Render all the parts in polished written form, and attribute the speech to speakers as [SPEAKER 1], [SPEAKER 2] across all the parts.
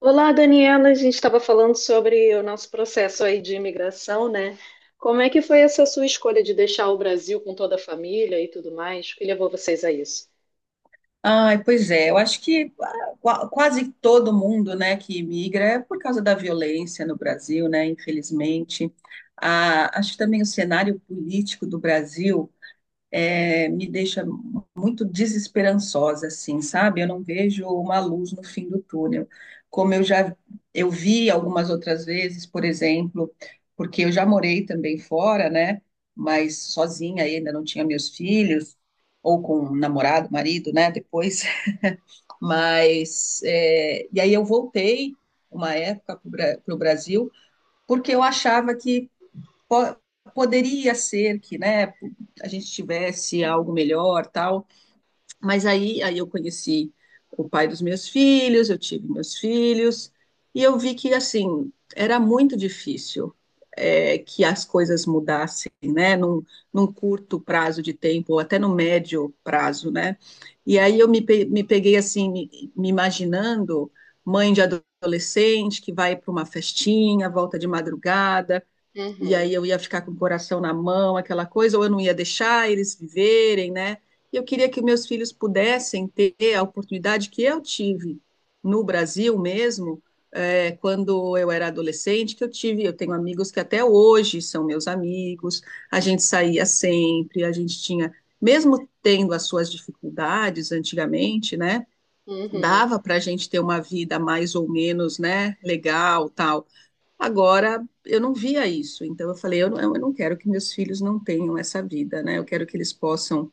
[SPEAKER 1] Olá, Daniela. A gente estava falando sobre o nosso processo aí de imigração, né? Como é que foi essa sua escolha de deixar o Brasil com toda a família e tudo mais? O que levou vocês a isso?
[SPEAKER 2] Ai, pois é, eu acho que quase todo mundo, né, que imigra é por causa da violência no Brasil, né, infelizmente. Ah, acho que também o cenário político do Brasil me deixa muito desesperançosa, assim, sabe? Eu não vejo uma luz no fim do túnel, como eu vi algumas outras vezes, por exemplo, porque eu já morei também fora, né, mas sozinha ainda não tinha meus filhos, ou com um namorado, marido, né, depois. Mas, é, e aí eu voltei uma época para o Brasil, porque eu achava que po poderia ser que, né, a gente tivesse algo melhor, tal, mas aí eu conheci o pai dos meus filhos, eu tive meus filhos, e eu vi que, assim, era muito difícil, é, que as coisas mudassem, né, num curto prazo de tempo, ou até no médio prazo, né. E aí eu me peguei, assim, me imaginando mãe de adolescente que vai para uma festinha, volta de madrugada, e
[SPEAKER 1] Uhum,
[SPEAKER 2] aí eu ia ficar com o coração na mão, aquela coisa, ou eu não ia deixar eles viverem, né? E eu queria que meus filhos pudessem ter a oportunidade que eu tive no Brasil mesmo, é, quando eu era adolescente, que eu tive, eu tenho amigos que até hoje são meus amigos, a gente saía sempre, a gente tinha, mesmo tendo as suas dificuldades antigamente, né?
[SPEAKER 1] uhum.
[SPEAKER 2] Dava para a gente ter uma vida mais ou menos, né, legal, tal. Agora, eu não via isso, então eu falei, eu não quero que meus filhos não tenham essa vida, né? Eu quero que eles possam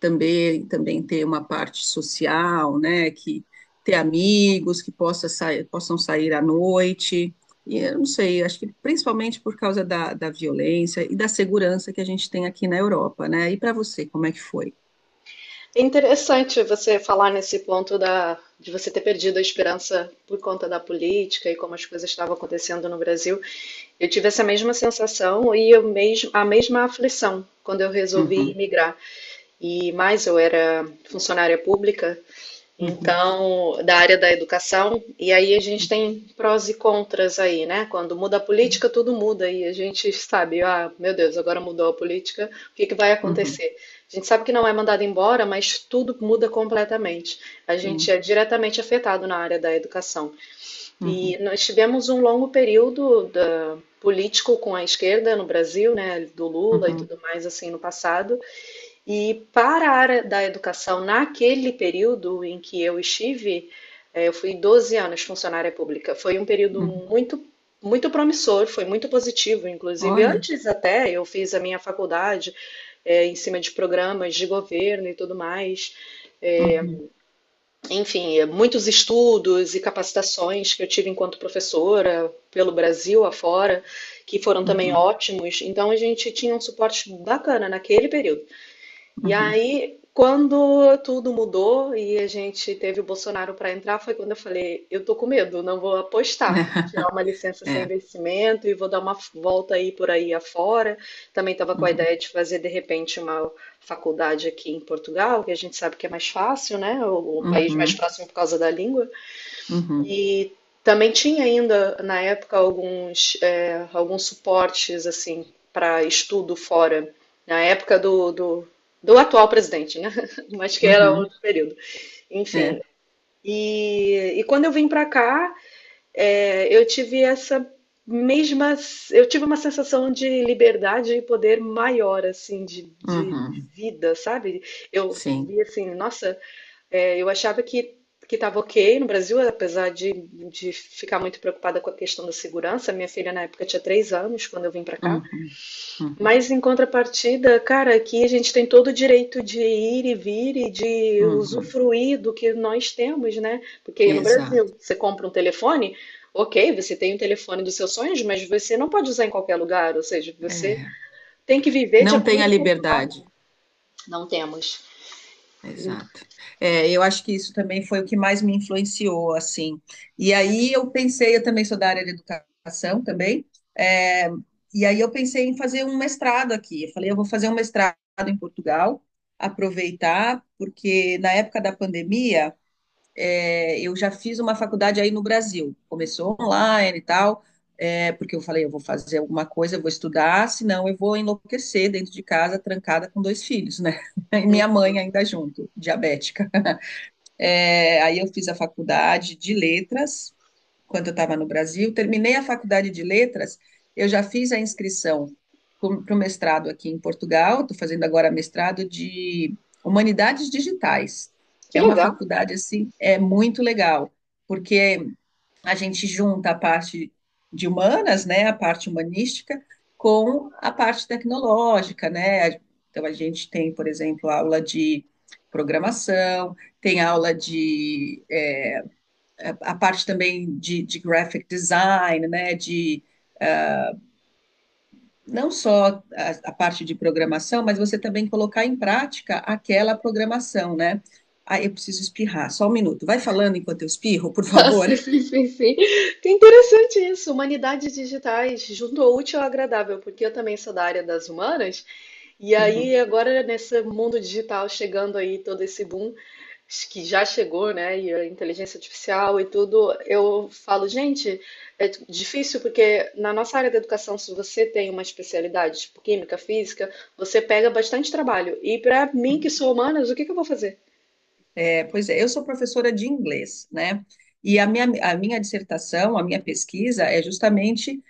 [SPEAKER 2] também ter uma parte social, né? Que ter amigos, que possa sair, possam sair à noite. E eu não sei, acho que principalmente por causa da violência e da segurança que a gente tem aqui na Europa, né? E para você, como é que foi?
[SPEAKER 1] É interessante você falar nesse ponto de você ter perdido a esperança por conta da política e como as coisas estavam acontecendo no Brasil. Eu tive essa mesma sensação e eu mesmo, a mesma aflição quando eu resolvi
[SPEAKER 2] Uhum,
[SPEAKER 1] migrar. E mais, eu era funcionária pública,
[SPEAKER 2] uhum,
[SPEAKER 1] então, da área da educação, e aí a gente tem prós e contras aí, né? Quando muda a
[SPEAKER 2] uhum,
[SPEAKER 1] política, tudo muda, e a gente sabe, ah, meu Deus, agora mudou a política, o que que vai
[SPEAKER 2] uhum,
[SPEAKER 1] acontecer? A gente sabe que não é mandado embora, mas tudo muda completamente. A gente
[SPEAKER 2] sim,
[SPEAKER 1] é diretamente afetado na área da educação. E
[SPEAKER 2] uhum,
[SPEAKER 1] nós tivemos um longo período político com a esquerda no Brasil, né? Do
[SPEAKER 2] uhum,
[SPEAKER 1] Lula e
[SPEAKER 2] uhum.
[SPEAKER 1] tudo mais assim no passado. E para a área da educação, naquele período em que eu estive, eu fui 12 anos funcionária pública. Foi um período
[SPEAKER 2] Uhum,
[SPEAKER 1] muito promissor, foi muito positivo. Inclusive,
[SPEAKER 2] olha,
[SPEAKER 1] antes até eu fiz a minha faculdade em cima de programas de governo e tudo mais.
[SPEAKER 2] uhum,
[SPEAKER 1] Enfim, muitos estudos e capacitações que eu tive enquanto professora pelo Brasil afora, que foram também
[SPEAKER 2] uhum,
[SPEAKER 1] ótimos. Então, a gente tinha um suporte bacana naquele período. E
[SPEAKER 2] uhum.
[SPEAKER 1] aí, quando tudo mudou e a gente teve o Bolsonaro para entrar, foi quando eu falei: eu tô com medo, não vou apostar, vou tirar uma licença sem
[SPEAKER 2] É.
[SPEAKER 1] vencimento e vou dar uma volta aí por aí afora. Também estava com a
[SPEAKER 2] Uhum,
[SPEAKER 1] ideia de fazer de repente uma faculdade aqui em Portugal, que a gente sabe que é mais fácil, né? O país mais
[SPEAKER 2] uhum,
[SPEAKER 1] próximo por causa da língua.
[SPEAKER 2] uhum,
[SPEAKER 1] E também tinha ainda, na época, alguns, alguns suportes assim para estudo fora, na época do atual presidente, né? Mas que era
[SPEAKER 2] uhum,
[SPEAKER 1] outro período.
[SPEAKER 2] é,
[SPEAKER 1] Enfim, e quando eu vim para cá, eu tive essa mesma, eu tive uma sensação de liberdade e poder maior, assim, de
[SPEAKER 2] uhum,
[SPEAKER 1] vida, sabe? Eu
[SPEAKER 2] sim,
[SPEAKER 1] vi assim, nossa. É, eu achava que estava ok no Brasil, apesar de ficar muito preocupada com a questão da segurança. Minha filha na época tinha 3 anos quando eu vim para cá.
[SPEAKER 2] uhum, uhum,
[SPEAKER 1] Mas em contrapartida, cara, aqui a gente tem todo o direito de ir e vir e de
[SPEAKER 2] uhum,
[SPEAKER 1] usufruir do que nós temos, né? Porque aí no
[SPEAKER 2] exato,
[SPEAKER 1] Brasil você compra um telefone, ok, você tem o telefone dos seus sonhos, mas você não pode usar em qualquer lugar. Ou seja, você
[SPEAKER 2] é,
[SPEAKER 1] tem que viver de
[SPEAKER 2] não tem
[SPEAKER 1] acordo
[SPEAKER 2] a
[SPEAKER 1] com o que pode.
[SPEAKER 2] liberdade,
[SPEAKER 1] Não temos.
[SPEAKER 2] exato. É, eu acho que isso também foi o que mais me influenciou, assim, e aí eu pensei, eu também sou da área de educação também, é, e aí eu pensei em fazer um mestrado aqui, eu falei, eu vou fazer um mestrado em Portugal, aproveitar, porque na época da pandemia, é, eu já fiz uma faculdade aí no Brasil. Começou online e tal, é, porque eu falei, eu vou fazer alguma coisa, eu vou estudar, senão eu vou enlouquecer dentro de casa, trancada com dois filhos, né? E minha
[SPEAKER 1] Uhum.
[SPEAKER 2] mãe ainda junto, diabética. É, aí eu fiz a faculdade de letras, quando eu estava no Brasil. Terminei a faculdade de letras, eu já fiz a inscrição para o mestrado aqui em Portugal, estou fazendo agora mestrado de Humanidades Digitais.
[SPEAKER 1] Que
[SPEAKER 2] É uma
[SPEAKER 1] legal.
[SPEAKER 2] faculdade, assim, é muito legal, porque a gente junta a parte de humanas, né, a parte humanística, com a parte tecnológica, né? Então, a gente tem, por exemplo, aula de programação, tem aula de a parte também de graphic design, né, de não só a parte de programação, mas você também colocar em prática aquela programação, né? Ah, eu preciso espirrar, só um minuto. Vai falando enquanto eu espirro, por
[SPEAKER 1] Ah,
[SPEAKER 2] favor.
[SPEAKER 1] sim, sim, sim, sim. Que interessante isso. Humanidades digitais, junto ao útil ao agradável, porque eu também sou da área das humanas. E aí, agora, nesse mundo digital, chegando aí todo esse boom que já chegou, né? E a inteligência artificial e tudo, eu falo, gente, é difícil porque na nossa área da educação, se você tem uma especialidade, tipo química, física, você pega bastante trabalho. E para mim, que sou humanas, o que que eu vou fazer?
[SPEAKER 2] É, pois é, eu sou professora de inglês, né? E a minha dissertação, a minha pesquisa é justamente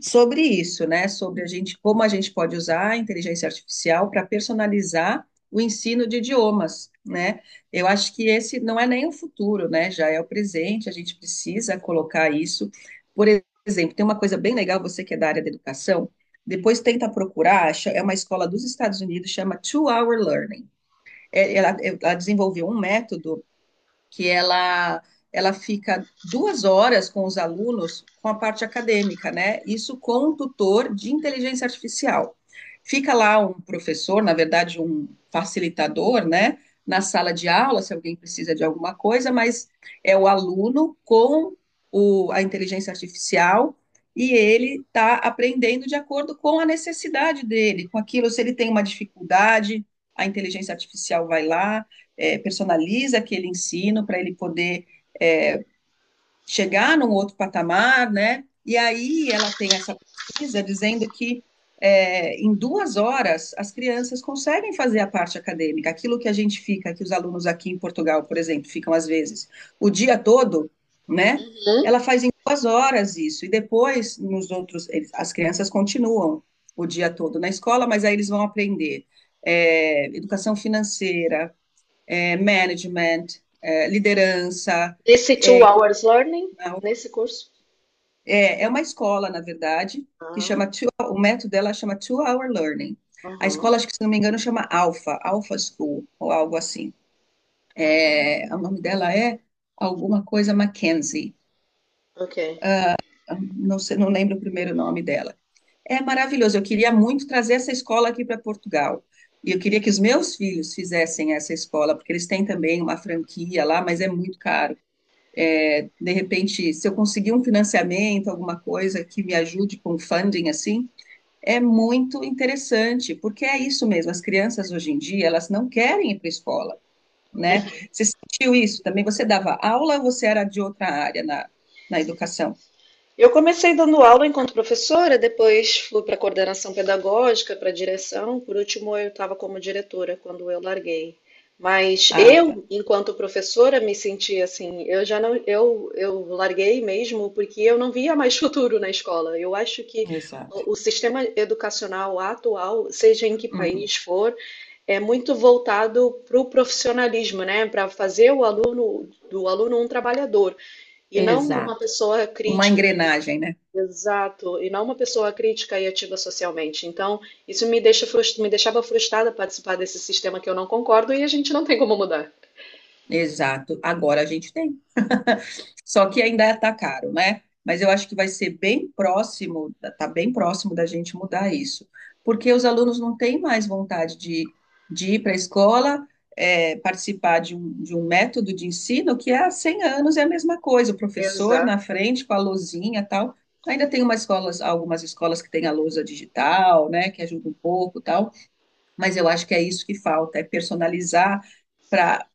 [SPEAKER 2] sobre isso, né? Sobre a gente, como a gente pode usar a inteligência artificial para personalizar o ensino de idiomas, né? Eu acho que esse não é nem o futuro, né? Já é o presente, a gente precisa colocar isso. Por exemplo, tem uma coisa bem legal, você que é da área da educação, depois tenta procurar, é uma escola dos Estados Unidos, chama Two Hour Learning. Ela desenvolveu um método que ela fica 2 horas com os alunos com a parte acadêmica, né? Isso com um tutor de inteligência artificial. Fica lá um professor, na verdade, um facilitador, né? Na sala de aula, se alguém precisa de alguma coisa, mas é o aluno com a inteligência artificial e ele está aprendendo de acordo com a necessidade dele, com aquilo, se ele tem uma dificuldade, a inteligência artificial vai lá, personaliza aquele ensino para ele poder é, chegar num outro patamar, né? E aí ela tem essa pesquisa dizendo que em duas horas as crianças conseguem fazer a parte acadêmica, aquilo que a gente fica, que os alunos aqui em Portugal, por exemplo, ficam às vezes o dia todo, né?
[SPEAKER 1] Hum?
[SPEAKER 2] Ela faz em 2 horas isso, e depois nos outros, as crianças continuam o dia todo na escola, mas aí eles vão aprender educação financeira, management, liderança.
[SPEAKER 1] Nesse two hours learning,
[SPEAKER 2] Não.
[SPEAKER 1] nesse curso?
[SPEAKER 2] É uma escola, na verdade, que chama, o método dela chama Two Hour Learning. A
[SPEAKER 1] Aham,
[SPEAKER 2] escola, acho que se não me engano, chama Alpha School, ou algo assim. É, o nome dela é alguma coisa Mackenzie.
[SPEAKER 1] ok.
[SPEAKER 2] Não sei, não lembro o primeiro nome dela. É maravilhoso. Eu queria muito trazer essa escola aqui para Portugal. E eu queria que os meus filhos fizessem essa escola, porque eles têm também uma franquia lá, mas é muito caro. De repente, se eu conseguir um financiamento, alguma coisa que me ajude com funding assim, é muito interessante, porque é isso mesmo, as crianças hoje em dia, elas não querem ir para a escola, né? Você sentiu isso também? Você dava aula ou você era de outra área na educação?
[SPEAKER 1] Eu comecei dando aula enquanto professora, depois fui para coordenação pedagógica, para direção, por último eu estava como diretora quando eu larguei. Mas
[SPEAKER 2] Ah, tá,
[SPEAKER 1] eu, enquanto professora, me senti assim, eu larguei mesmo porque eu não via mais futuro na escola. Eu acho que
[SPEAKER 2] exato.
[SPEAKER 1] o sistema educacional atual, seja em que
[SPEAKER 2] Uhum.
[SPEAKER 1] país for, é muito voltado para o profissionalismo, né? Para fazer o aluno do aluno um trabalhador. E não uma
[SPEAKER 2] Exato.
[SPEAKER 1] pessoa
[SPEAKER 2] Uma
[SPEAKER 1] crítica,
[SPEAKER 2] engrenagem, né?
[SPEAKER 1] exato, e não uma pessoa crítica e ativa socialmente. Então, isso me deixava frustrada participar desse sistema que eu não concordo e a gente não tem como mudar.
[SPEAKER 2] Exato. Agora a gente tem. Só que ainda está caro, né? Mas eu acho que vai ser bem próximo, tá bem próximo da gente mudar isso. Porque os alunos não têm mais vontade de ir para a escola, participar de um método de ensino que há 100 anos é a mesma coisa. O professor na
[SPEAKER 1] Exato.
[SPEAKER 2] frente com a lousinha e tal. Ainda tem algumas escolas que têm a lousa digital, né? Que ajuda um pouco e tal. Mas eu acho que é isso que falta, é personalizar para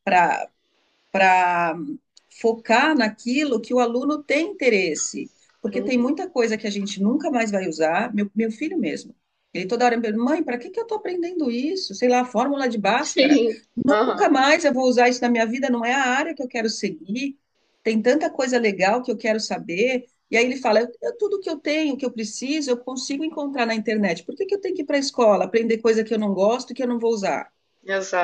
[SPEAKER 2] para focar naquilo que o aluno tem interesse, porque tem
[SPEAKER 1] Uhum.
[SPEAKER 2] muita coisa que a gente nunca mais vai usar. Meu filho mesmo, ele toda hora me pergunta, mãe, para que que eu estou aprendendo isso? Sei lá, a fórmula de Bhaskara.
[SPEAKER 1] Sim.
[SPEAKER 2] Nunca
[SPEAKER 1] Aham.
[SPEAKER 2] mais eu vou usar isso na minha vida, não é a área que eu quero seguir. Tem tanta coisa legal que eu quero saber. E aí ele fala, tudo que eu tenho, que eu preciso, eu consigo encontrar na internet. Por que que eu tenho que ir para a escola, aprender coisa que eu não gosto e que eu não vou usar?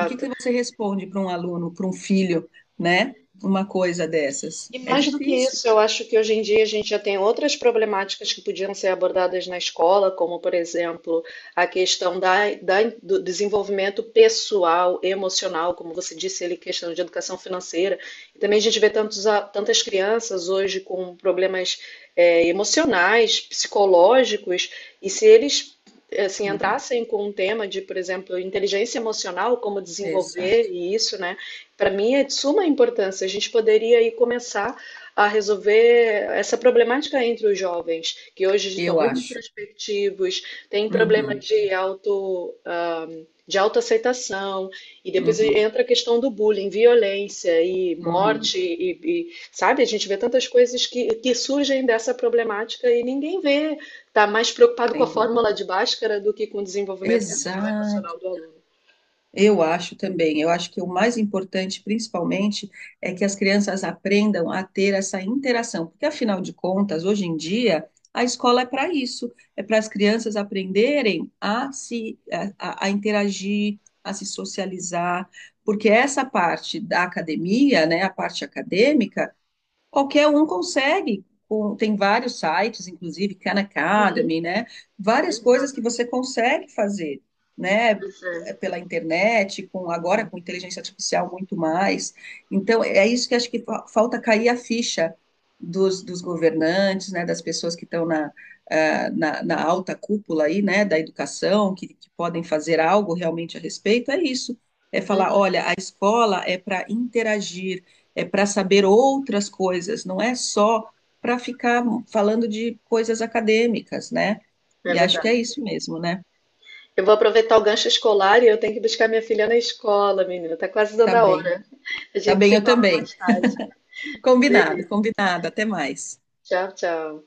[SPEAKER 2] E o que que você responde para um aluno, para um filho, né? Uma coisa dessas?
[SPEAKER 1] E
[SPEAKER 2] É
[SPEAKER 1] mais do que
[SPEAKER 2] difícil.
[SPEAKER 1] isso, eu acho que hoje em dia a gente já tem outras problemáticas que podiam ser abordadas na escola, como, por exemplo, a questão do desenvolvimento pessoal, emocional, como você disse ali, questão de educação financeira. E também a gente vê tantas crianças hoje com problemas, emocionais, psicológicos, e se eles. Assim,
[SPEAKER 2] Uhum,
[SPEAKER 1] entrassem com um tema de, por exemplo, inteligência emocional, como desenvolver
[SPEAKER 2] exato.
[SPEAKER 1] e isso, né? Para mim é de suma importância. A gente poderia aí começar a resolver essa problemática entre os jovens, que hoje estão
[SPEAKER 2] Eu
[SPEAKER 1] muito
[SPEAKER 2] acho.
[SPEAKER 1] introspectivos, têm problema
[SPEAKER 2] Uhum,
[SPEAKER 1] de de autoaceitação, e depois
[SPEAKER 2] uhum,
[SPEAKER 1] entra a questão do bullying, violência e
[SPEAKER 2] uhum,
[SPEAKER 1] morte, sabe, a gente vê tantas coisas que surgem dessa problemática e ninguém vê, está mais preocupado com a
[SPEAKER 2] sem
[SPEAKER 1] fórmula
[SPEAKER 2] dúvida.
[SPEAKER 1] de Bhaskara do que com o desenvolvimento pessoal e
[SPEAKER 2] Exato.
[SPEAKER 1] emocional do aluno.
[SPEAKER 2] Eu acho também. Eu acho que o mais importante, principalmente, é que as crianças aprendam a ter essa interação, porque afinal de contas, hoje em dia, a escola é para isso, é para as crianças aprenderem a interagir, a se socializar, porque essa parte da academia, né, a parte acadêmica. Qualquer um consegue. Tem vários sites, inclusive Khan Academy, né? Várias coisas
[SPEAKER 1] Exato,
[SPEAKER 2] que você consegue fazer, né?
[SPEAKER 1] pois é.
[SPEAKER 2] Pela internet, com agora com inteligência artificial muito mais. Então, é isso que acho que falta cair a ficha dos governantes, né? Das pessoas que estão na alta cúpula aí, né? Da educação, que podem fazer algo realmente a respeito. É isso. É falar,
[SPEAKER 1] Hum,
[SPEAKER 2] olha, a escola é para interagir, é para saber outras coisas, não é só para ficar falando de coisas acadêmicas, né?
[SPEAKER 1] É
[SPEAKER 2] E acho que
[SPEAKER 1] verdade.
[SPEAKER 2] é isso mesmo, né?
[SPEAKER 1] Eu vou aproveitar o gancho escolar e eu tenho que buscar minha filha na escola, menina. Tá quase dando
[SPEAKER 2] Tá
[SPEAKER 1] a
[SPEAKER 2] bem,
[SPEAKER 1] hora. A
[SPEAKER 2] tá
[SPEAKER 1] gente
[SPEAKER 2] bem,
[SPEAKER 1] se
[SPEAKER 2] eu
[SPEAKER 1] fala mais
[SPEAKER 2] também.
[SPEAKER 1] tarde.
[SPEAKER 2] Combinado,
[SPEAKER 1] Beleza.
[SPEAKER 2] combinado, até mais.
[SPEAKER 1] Tchau, tchau.